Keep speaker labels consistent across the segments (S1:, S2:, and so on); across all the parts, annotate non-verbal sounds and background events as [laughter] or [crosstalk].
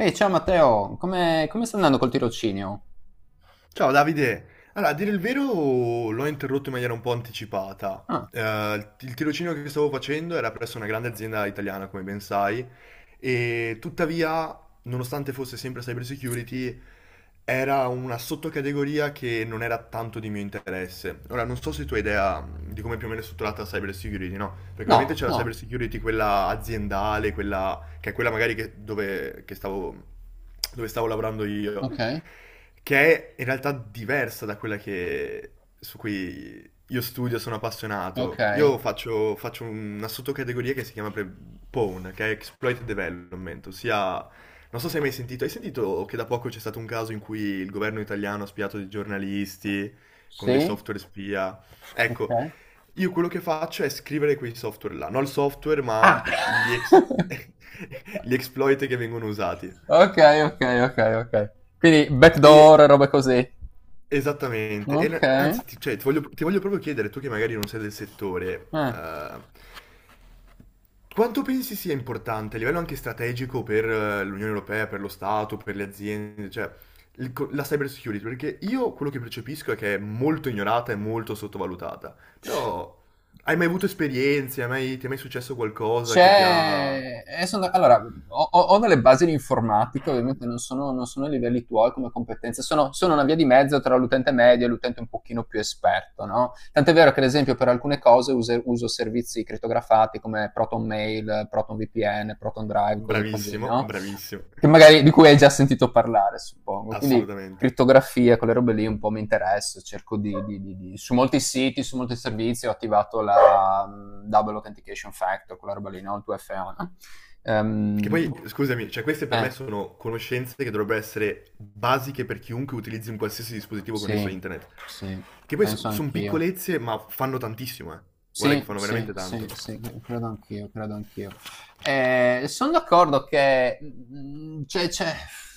S1: Ehi, ciao Matteo, come sta andando col tirocinio?
S2: Ciao Davide, allora a dire il vero l'ho interrotto in maniera un po' anticipata.
S1: Ah,
S2: Il tirocinio che stavo facendo era presso una grande azienda italiana, come ben sai, e tuttavia, nonostante fosse sempre cyber security, era una sottocategoria che non era tanto di mio interesse. Ora, non so se tu hai idea di come più o meno è strutturata la cyber security, no? Perché
S1: no,
S2: ovviamente c'è la
S1: no,
S2: cyber security, quella aziendale, quella che è quella magari dove stavo lavorando io,
S1: ok,
S2: che è in realtà diversa da quella su cui io studio, sono
S1: ok,
S2: appassionato. Io faccio una sottocategoria che si chiama POWN, che è Exploit Development, ossia, non so se hai mai sentito, hai sentito che da poco c'è stato un caso in cui il governo italiano ha spiato dei giornalisti con dei
S1: sì,
S2: software spia? Ecco,
S1: ok.
S2: io quello che faccio è scrivere quei software là, non il software, ma
S1: Ah!
S2: [laughs]
S1: [laughs]
S2: gli exploit che vengono usati.
S1: Ok, ok, ok, ok. Quindi
S2: E
S1: backdoor, roba così.
S2: Esattamente, e
S1: Ok, eh.
S2: anzi cioè, ti voglio proprio chiedere, tu che magari non sei del settore, quanto pensi sia importante a livello anche strategico per l'Unione Europea, per lo Stato, per le aziende, cioè la cyber security? Perché io quello che percepisco è che è molto ignorata e molto sottovalutata, però hai mai avuto esperienze, hai mai- ti è mai successo qualcosa che ti ha...
S1: C'è... Allora, ho delle basi di informatica, ovviamente non sono ai livelli tuoi come competenze, sono una via di mezzo tra l'utente medio e l'utente un pochino più esperto, no? Tant'è vero che, ad esempio, per alcune cose uso servizi crittografati come Proton Mail, Proton VPN, Proton Drive, cose così,
S2: Bravissimo,
S1: no?
S2: bravissimo,
S1: Che magari di cui hai già sentito parlare, suppongo. Quindi
S2: assolutamente.
S1: crittografia, quelle robe lì un po' mi interessa, cerco di su molti siti, su molti servizi ho attivato la Double Authentication Factor, quella roba lì, no? Il 2FA, no?
S2: Che
S1: Ehm,
S2: poi, scusami, cioè queste per me
S1: eh,
S2: sono conoscenze che dovrebbero essere basiche per chiunque utilizzi un qualsiasi dispositivo connesso a
S1: sì,
S2: internet.
S1: sì,
S2: Che poi
S1: penso
S2: sono
S1: anch'io.
S2: piccolezze, ma fanno tantissimo, eh. Guarda che
S1: Sì,
S2: fanno
S1: sì,
S2: veramente tanto.
S1: sì, sì, credo anch'io, credo anch'io. Sono d'accordo che mm, c'è c'è-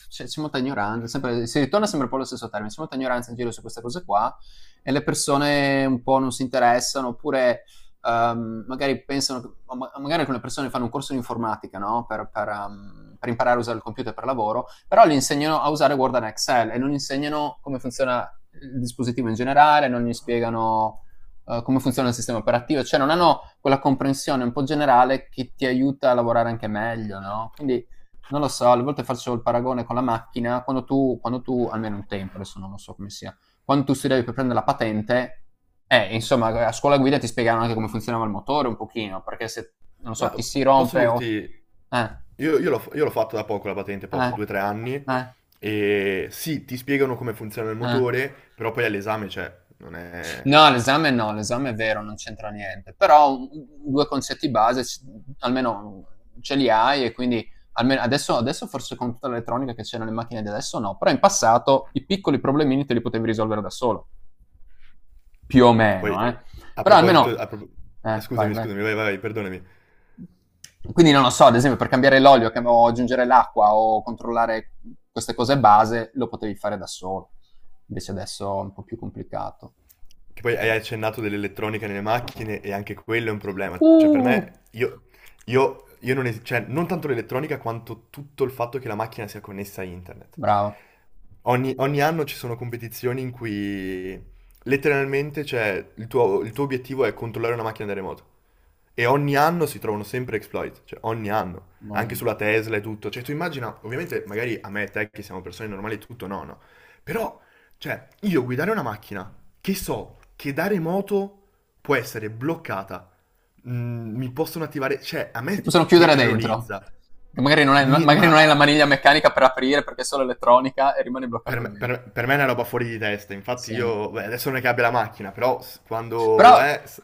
S1: c'è- c'è molta ignoranza, si ritorna sempre un po' allo stesso termine, c'è molta ignoranza in giro su queste cose qua e le persone un po' non si interessano oppure magari pensano, magari alcune persone fanno un corso di informatica, no? Per imparare a usare il computer per lavoro, però gli insegnano a usare Word e Excel e non insegnano come funziona il dispositivo in generale, non gli spiegano come funziona il sistema operativo, cioè non hanno quella comprensione un po' generale che ti aiuta a lavorare anche meglio, no? Quindi non lo so, alle volte faccio il paragone con la macchina, quando tu almeno un tempo, adesso non lo so come sia, quando tu studiavi per prendere la patente, insomma, a scuola guida ti spiegavano anche come funzionava il motore un pochino, perché se, non so,
S2: Ma
S1: ti si
S2: posso
S1: rompe o...
S2: dirti,
S1: Eh,
S2: io l'ho fatto da poco, la patente
S1: eh,
S2: poco, 2-3 anni,
S1: eh,
S2: e sì, ti spiegano come funziona il
S1: eh.
S2: motore, però poi all'esame, cioè, non è...
S1: No, l'esame no, l'esame è vero, non c'entra niente, però u u due concetti base s almeno ce li hai e quindi almeno adesso forse con tutta l'elettronica che c'è nelle macchine di adesso no, però in passato i piccoli problemini te li potevi risolvere da solo. Più o
S2: Che poi,
S1: meno, eh. Però
S2: a
S1: poi
S2: proposito...
S1: almeno
S2: a pro- ah,
S1: vai,
S2: scusami,
S1: vai.
S2: scusami, vai, vai, vai, perdonami.
S1: Quindi non lo so, ad esempio per cambiare l'olio cam o aggiungere l'acqua o controllare queste cose base, lo potevi fare da solo. Invece adesso è un po' più complicato.
S2: Che poi hai accennato dell'elettronica nelle macchine e anche quello è un problema. Cioè, per
S1: Uh,
S2: me, io non, cioè, non tanto l'elettronica quanto tutto il fatto che la macchina sia connessa a internet.
S1: bravo.
S2: Ogni anno ci sono competizioni in cui letteralmente, cioè, il tuo obiettivo è controllare una macchina da remoto. E ogni anno si trovano sempre exploit, cioè ogni anno, anche
S1: Buono.
S2: sulla Tesla e tutto. Cioè tu immagina, ovviamente magari a me e te che siamo persone normali e tutto, no, no. Però, cioè, io guidare una macchina che so che da remoto può essere bloccata, mi possono attivare, cioè a
S1: Li
S2: me
S1: possono chiudere dentro.
S2: terrorizza. Mi-
S1: Magari non
S2: ma
S1: hai la maniglia meccanica per aprire perché è solo elettronica e rimane
S2: per
S1: bloccato
S2: me,
S1: dentro.
S2: per- per me è una roba fuori di testa. Infatti,
S1: Sì.
S2: io beh, adesso non è che abbia la macchina, però quando
S1: Però
S2: è.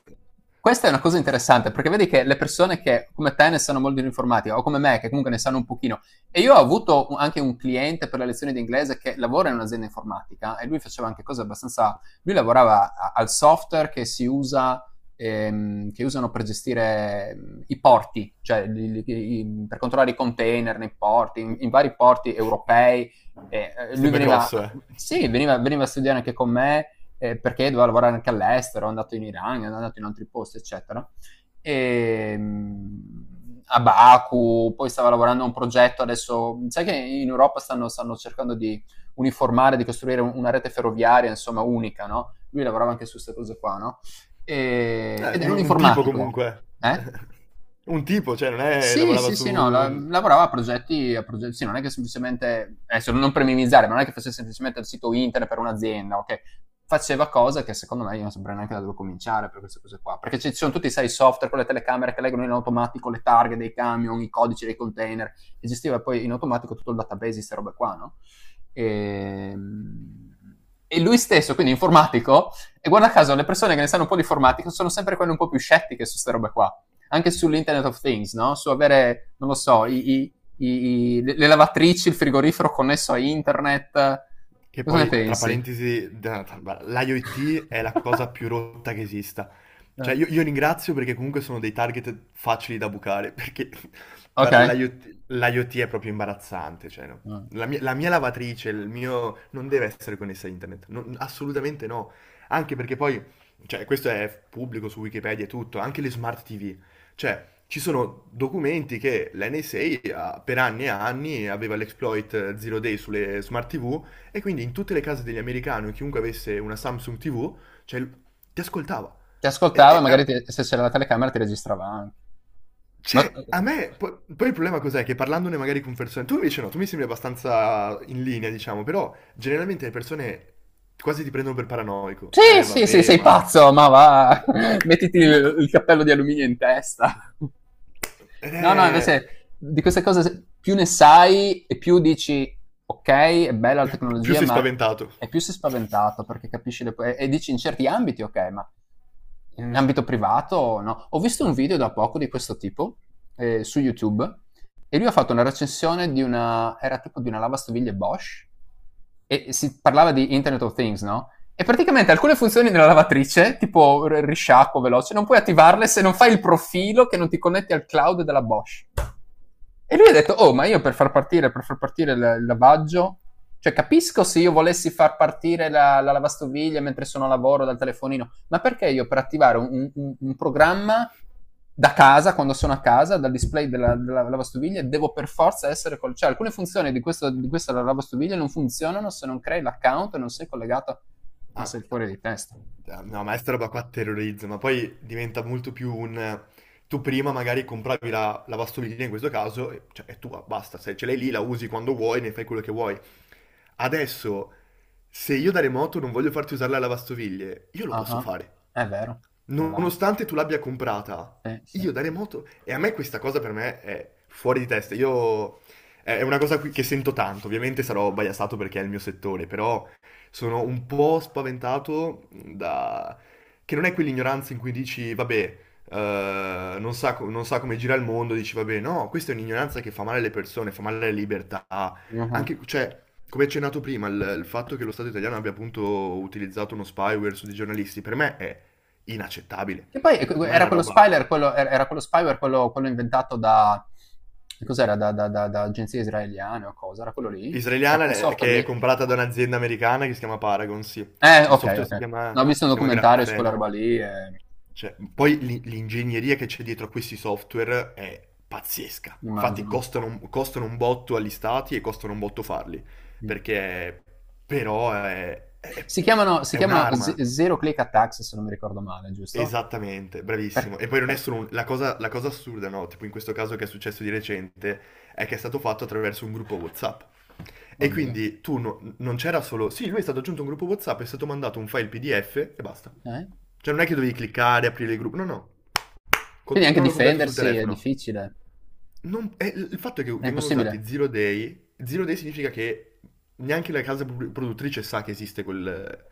S1: questa è una cosa interessante perché vedi che le persone che come te ne sanno molto di informatica o come me che comunque ne sanno un pochino, e io ho avuto anche un cliente per le lezioni di inglese che lavora in un'azienda informatica e lui faceva anche cose abbastanza, lui lavorava al software che si usa che usano per gestire i porti, cioè per controllare i container nei porti, in vari porti europei. E,
S2: [laughs] Sembra grosso, eh.
S1: sì,
S2: [laughs]
S1: veniva a studiare anche con me perché doveva lavorare anche all'estero, è andato in Iran, è andato in altri posti, eccetera. E, a Baku, poi stava lavorando a un progetto adesso, sai che in Europa stanno cercando di uniformare, di costruire una rete ferroviaria, insomma, unica, no? Lui lavorava anche su queste cose qua, no? Ed era
S2: Un,
S1: un
S2: un tipo
S1: informatico,
S2: comunque.
S1: eh?
S2: [laughs] Un tipo, cioè non è
S1: Sì,
S2: lavorava
S1: sì, sì, no, la
S2: su...
S1: lavorava a progetti sì, non è che semplicemente adesso, non per minimizzare, ma non è che fosse semplicemente il sito internet per un'azienda, okay, faceva cose che secondo me io non saprei neanche da dove cominciare per queste cose qua, perché ci sono tutti sai, i software con le telecamere che leggono in automatico le targhe dei camion, i codici dei container, e gestiva poi in automatico tutto il database di 'ste robe qua, no, ehm, e lui stesso, quindi informatico, e guarda caso le persone che ne sanno un po' di informatica sono sempre quelle un po' più scettiche su 'ste robe qua, anche sull'Internet of Things, no? Su avere, non lo so, le lavatrici, il frigorifero connesso a internet.
S2: Che
S1: Cosa ne
S2: poi, tra
S1: pensi?
S2: parentesi, l'IoT è la cosa
S1: [laughs]
S2: più rotta che esista. Cioè, io ringrazio perché comunque sono dei target facili da bucare, perché, [laughs]
S1: Ok.
S2: guarda, l'IoT è proprio imbarazzante, cioè, no.
S1: Mm.
S2: La mia lavatrice, il mio... non deve essere connessa a internet, assolutamente no. Anche perché poi, cioè, questo è pubblico su Wikipedia e tutto, anche le smart TV. Cioè, ci sono documenti che l'NSA per anni e anni aveva l'exploit Zero Day sulle smart TV, e quindi in tutte le case degli americani, chiunque avesse una Samsung TV, cioè, ti ascoltava.
S1: Ti
S2: E-
S1: ascoltava,
S2: e- a-
S1: se c'era la telecamera ti registrava anche. Ma
S2: cioè, a me, poi il problema cos'è? Che parlandone magari con persone, tu invece no, tu mi sembri abbastanza in linea, diciamo, però generalmente le persone quasi ti prendono per paranoico.
S1: sì, sì, sì,
S2: Vabbè,
S1: sei
S2: ma...
S1: pazzo, ma va, [laughs] mettiti
S2: Ma...
S1: il il cappello di alluminio in testa.
S2: ed
S1: No, no,
S2: è...
S1: invece di queste cose s più ne sai e più dici: "Okay, è bella la
S2: [laughs] Più
S1: tecnologia",
S2: sei
S1: ma
S2: spaventato.
S1: e più sei spaventato perché capisci le po e dici in certi ambiti: "Okay, ma in ambito privato no". Ho visto un video da poco di questo tipo, su YouTube, e lui ha fatto una recensione di una, era tipo di una lavastoviglie Bosch, e si parlava di Internet of Things, no? E praticamente alcune funzioni della lavatrice, tipo risciacquo veloce, non puoi attivarle se non fai il profilo, che non ti connetti al cloud della Bosch. E lui ha detto, oh, ma io per far partire il lavaggio, cioè capisco se io volessi far partire la lavastoviglie mentre sono a lavoro dal telefonino, ma perché io per attivare un programma da casa, quando sono a casa, dal display della lavastoviglie, devo per forza essere col... Cioè alcune funzioni di questa lavastoviglie non funzionano se non crei l'account e non sei collegato, ma
S2: Ah,
S1: sei fuori di testa.
S2: ah, no, ma sta roba qua terrorizza, ma poi diventa molto più un... Tu prima magari compravi la lavastoviglie in questo caso, cioè è tua, basta, se ce l'hai lì la usi quando vuoi, ne fai quello che vuoi. Adesso, se io da remoto non voglio farti usare la lavastoviglie, io lo
S1: Ah,
S2: posso
S1: ah.
S2: fare.
S1: È vero, è vero.
S2: Nonostante tu l'abbia comprata,
S1: Sì, sì,
S2: io da
S1: sì.
S2: remoto... E a me questa cosa per me è fuori di testa. Io... È una cosa che sento tanto, ovviamente sarò biasato perché è il mio settore, però sono un po' spaventato da... che non è quell'ignoranza in cui dici, vabbè, non sa, non sa come gira il mondo, dici, vabbè, no, questa è un'ignoranza che fa male alle persone, fa male alle libertà.
S1: Mhm.
S2: Anche, cioè, come accennato prima, il fatto che lo Stato italiano abbia appunto utilizzato uno spyware su dei giornalisti, per me è inaccettabile.
S1: Che poi
S2: Cioè,
S1: ecco,
S2: per me è
S1: era
S2: una
S1: quello
S2: roba
S1: spyware, quello inventato da... Cos'era? Da agenzie israeliane o cosa? Era quello lì? Era
S2: israeliana,
S1: quel software
S2: che è
S1: lì?
S2: comprata da un'azienda americana che si chiama Paragon, sì. Il
S1: Ok,
S2: software
S1: ok.
S2: si
S1: No,
S2: chiama,
S1: ho visto un
S2: si chiama
S1: documentario su quella
S2: Grafene.
S1: roba lì,
S2: Cioè, poi l'ingegneria che c'è dietro a questi software è pazzesca. Infatti
S1: immagino.
S2: costano, costano un botto agli stati e costano un botto farli,
S1: Mm.
S2: perché però è, è-
S1: Si
S2: è
S1: chiamano
S2: un'arma.
S1: Zero Click Attacks, se non mi ricordo male, giusto?
S2: Esattamente, bravissimo.
S1: Per,
S2: E poi non è
S1: per-
S2: solo la cosa, assurda, no? Tipo in questo caso che è successo di recente, è che è stato fatto attraverso un gruppo WhatsApp. E
S1: oddio.
S2: quindi tu non c'era solo... Sì, lui è stato aggiunto a un gruppo WhatsApp, è stato mandato un file PDF e basta.
S1: Eh?
S2: Cioè non è che dovevi cliccare, aprire il gruppo, no, no.
S1: Quindi anche
S2: Controllo completo sul
S1: difendersi è
S2: telefono.
S1: difficile,
S2: Il fatto è che
S1: è
S2: vengono
S1: impossibile.
S2: usati zero day. Zero day significa che neanche la casa produttrice sa che esiste quel,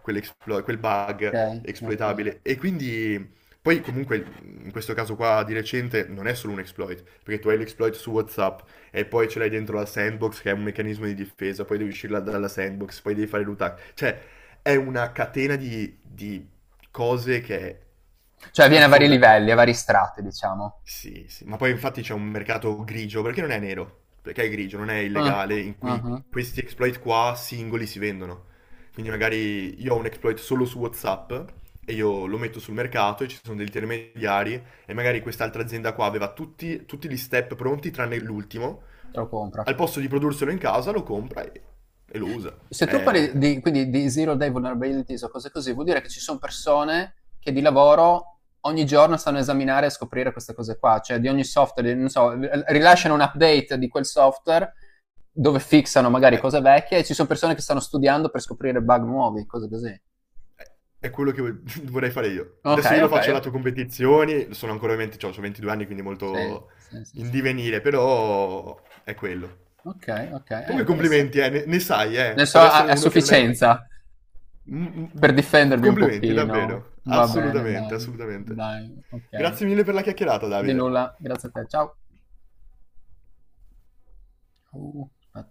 S2: quell'explo- quel bug
S1: Ok, ok.
S2: exploitabile. E quindi, poi comunque, in questo caso qua di recente, non è solo un exploit, perché tu hai l'exploit su WhatsApp e poi ce l'hai dentro la sandbox, che è un meccanismo di difesa, poi devi uscirla dalla sandbox, poi devi fare l'UTAC. Cioè, è una catena di cose che è
S1: Cioè viene a vari
S2: assurda.
S1: livelli, a vari strati, diciamo.
S2: Sì, sì, ma poi infatti c'è un mercato grigio, perché non è nero, perché è grigio, non è
S1: Ah,
S2: illegale, in
S1: ah-ah,
S2: cui questi exploit qua singoli si vendono. Quindi magari io ho un exploit solo su WhatsApp e io lo metto sul mercato e ci sono degli intermediari, e magari quest'altra azienda qua aveva tutti gli step pronti tranne l'ultimo,
S1: te lo
S2: al
S1: compra.
S2: posto di produrselo in casa lo compra e lo usa.
S1: Se tu parli
S2: È,
S1: di, quindi, di Zero Day Vulnerabilities o cose così, vuol dire che ci son persone che di lavoro ogni giorno stanno a esaminare e scoprire queste cose qua, cioè di ogni software, di non so, r rilasciano un update di quel software dove fixano magari
S2: è
S1: cose vecchie, e ci son persone che stanno studiando per scoprire bug nuovi, cose così.
S2: È quello che [laughs] vorrei fare io. Adesso io
S1: Okay,
S2: lo faccio
S1: okay, okay.
S2: lato competizioni, sono ancora ovviamente, cioè, ho 22 anni, quindi
S1: Sì,
S2: molto
S1: sì, sì,
S2: in
S1: sì.
S2: divenire, però è quello.
S1: Okay, okay,
S2: Comunque
S1: interessan
S2: complimenti, ne sai,
S1: ne so
S2: per
S1: a
S2: essere
S1: a
S2: uno che non è...
S1: sufficienza.
S2: Mm, mm,
S1: Per difendermi un
S2: Complimenti,
S1: pochino.
S2: davvero.
S1: Va bene,
S2: Assolutamente,
S1: dai.
S2: assolutamente.
S1: Dai, okay.
S2: Grazie mille per la chiacchierata,
S1: Di
S2: Davide.
S1: nulla, grazie a te. Ciao. Ciao.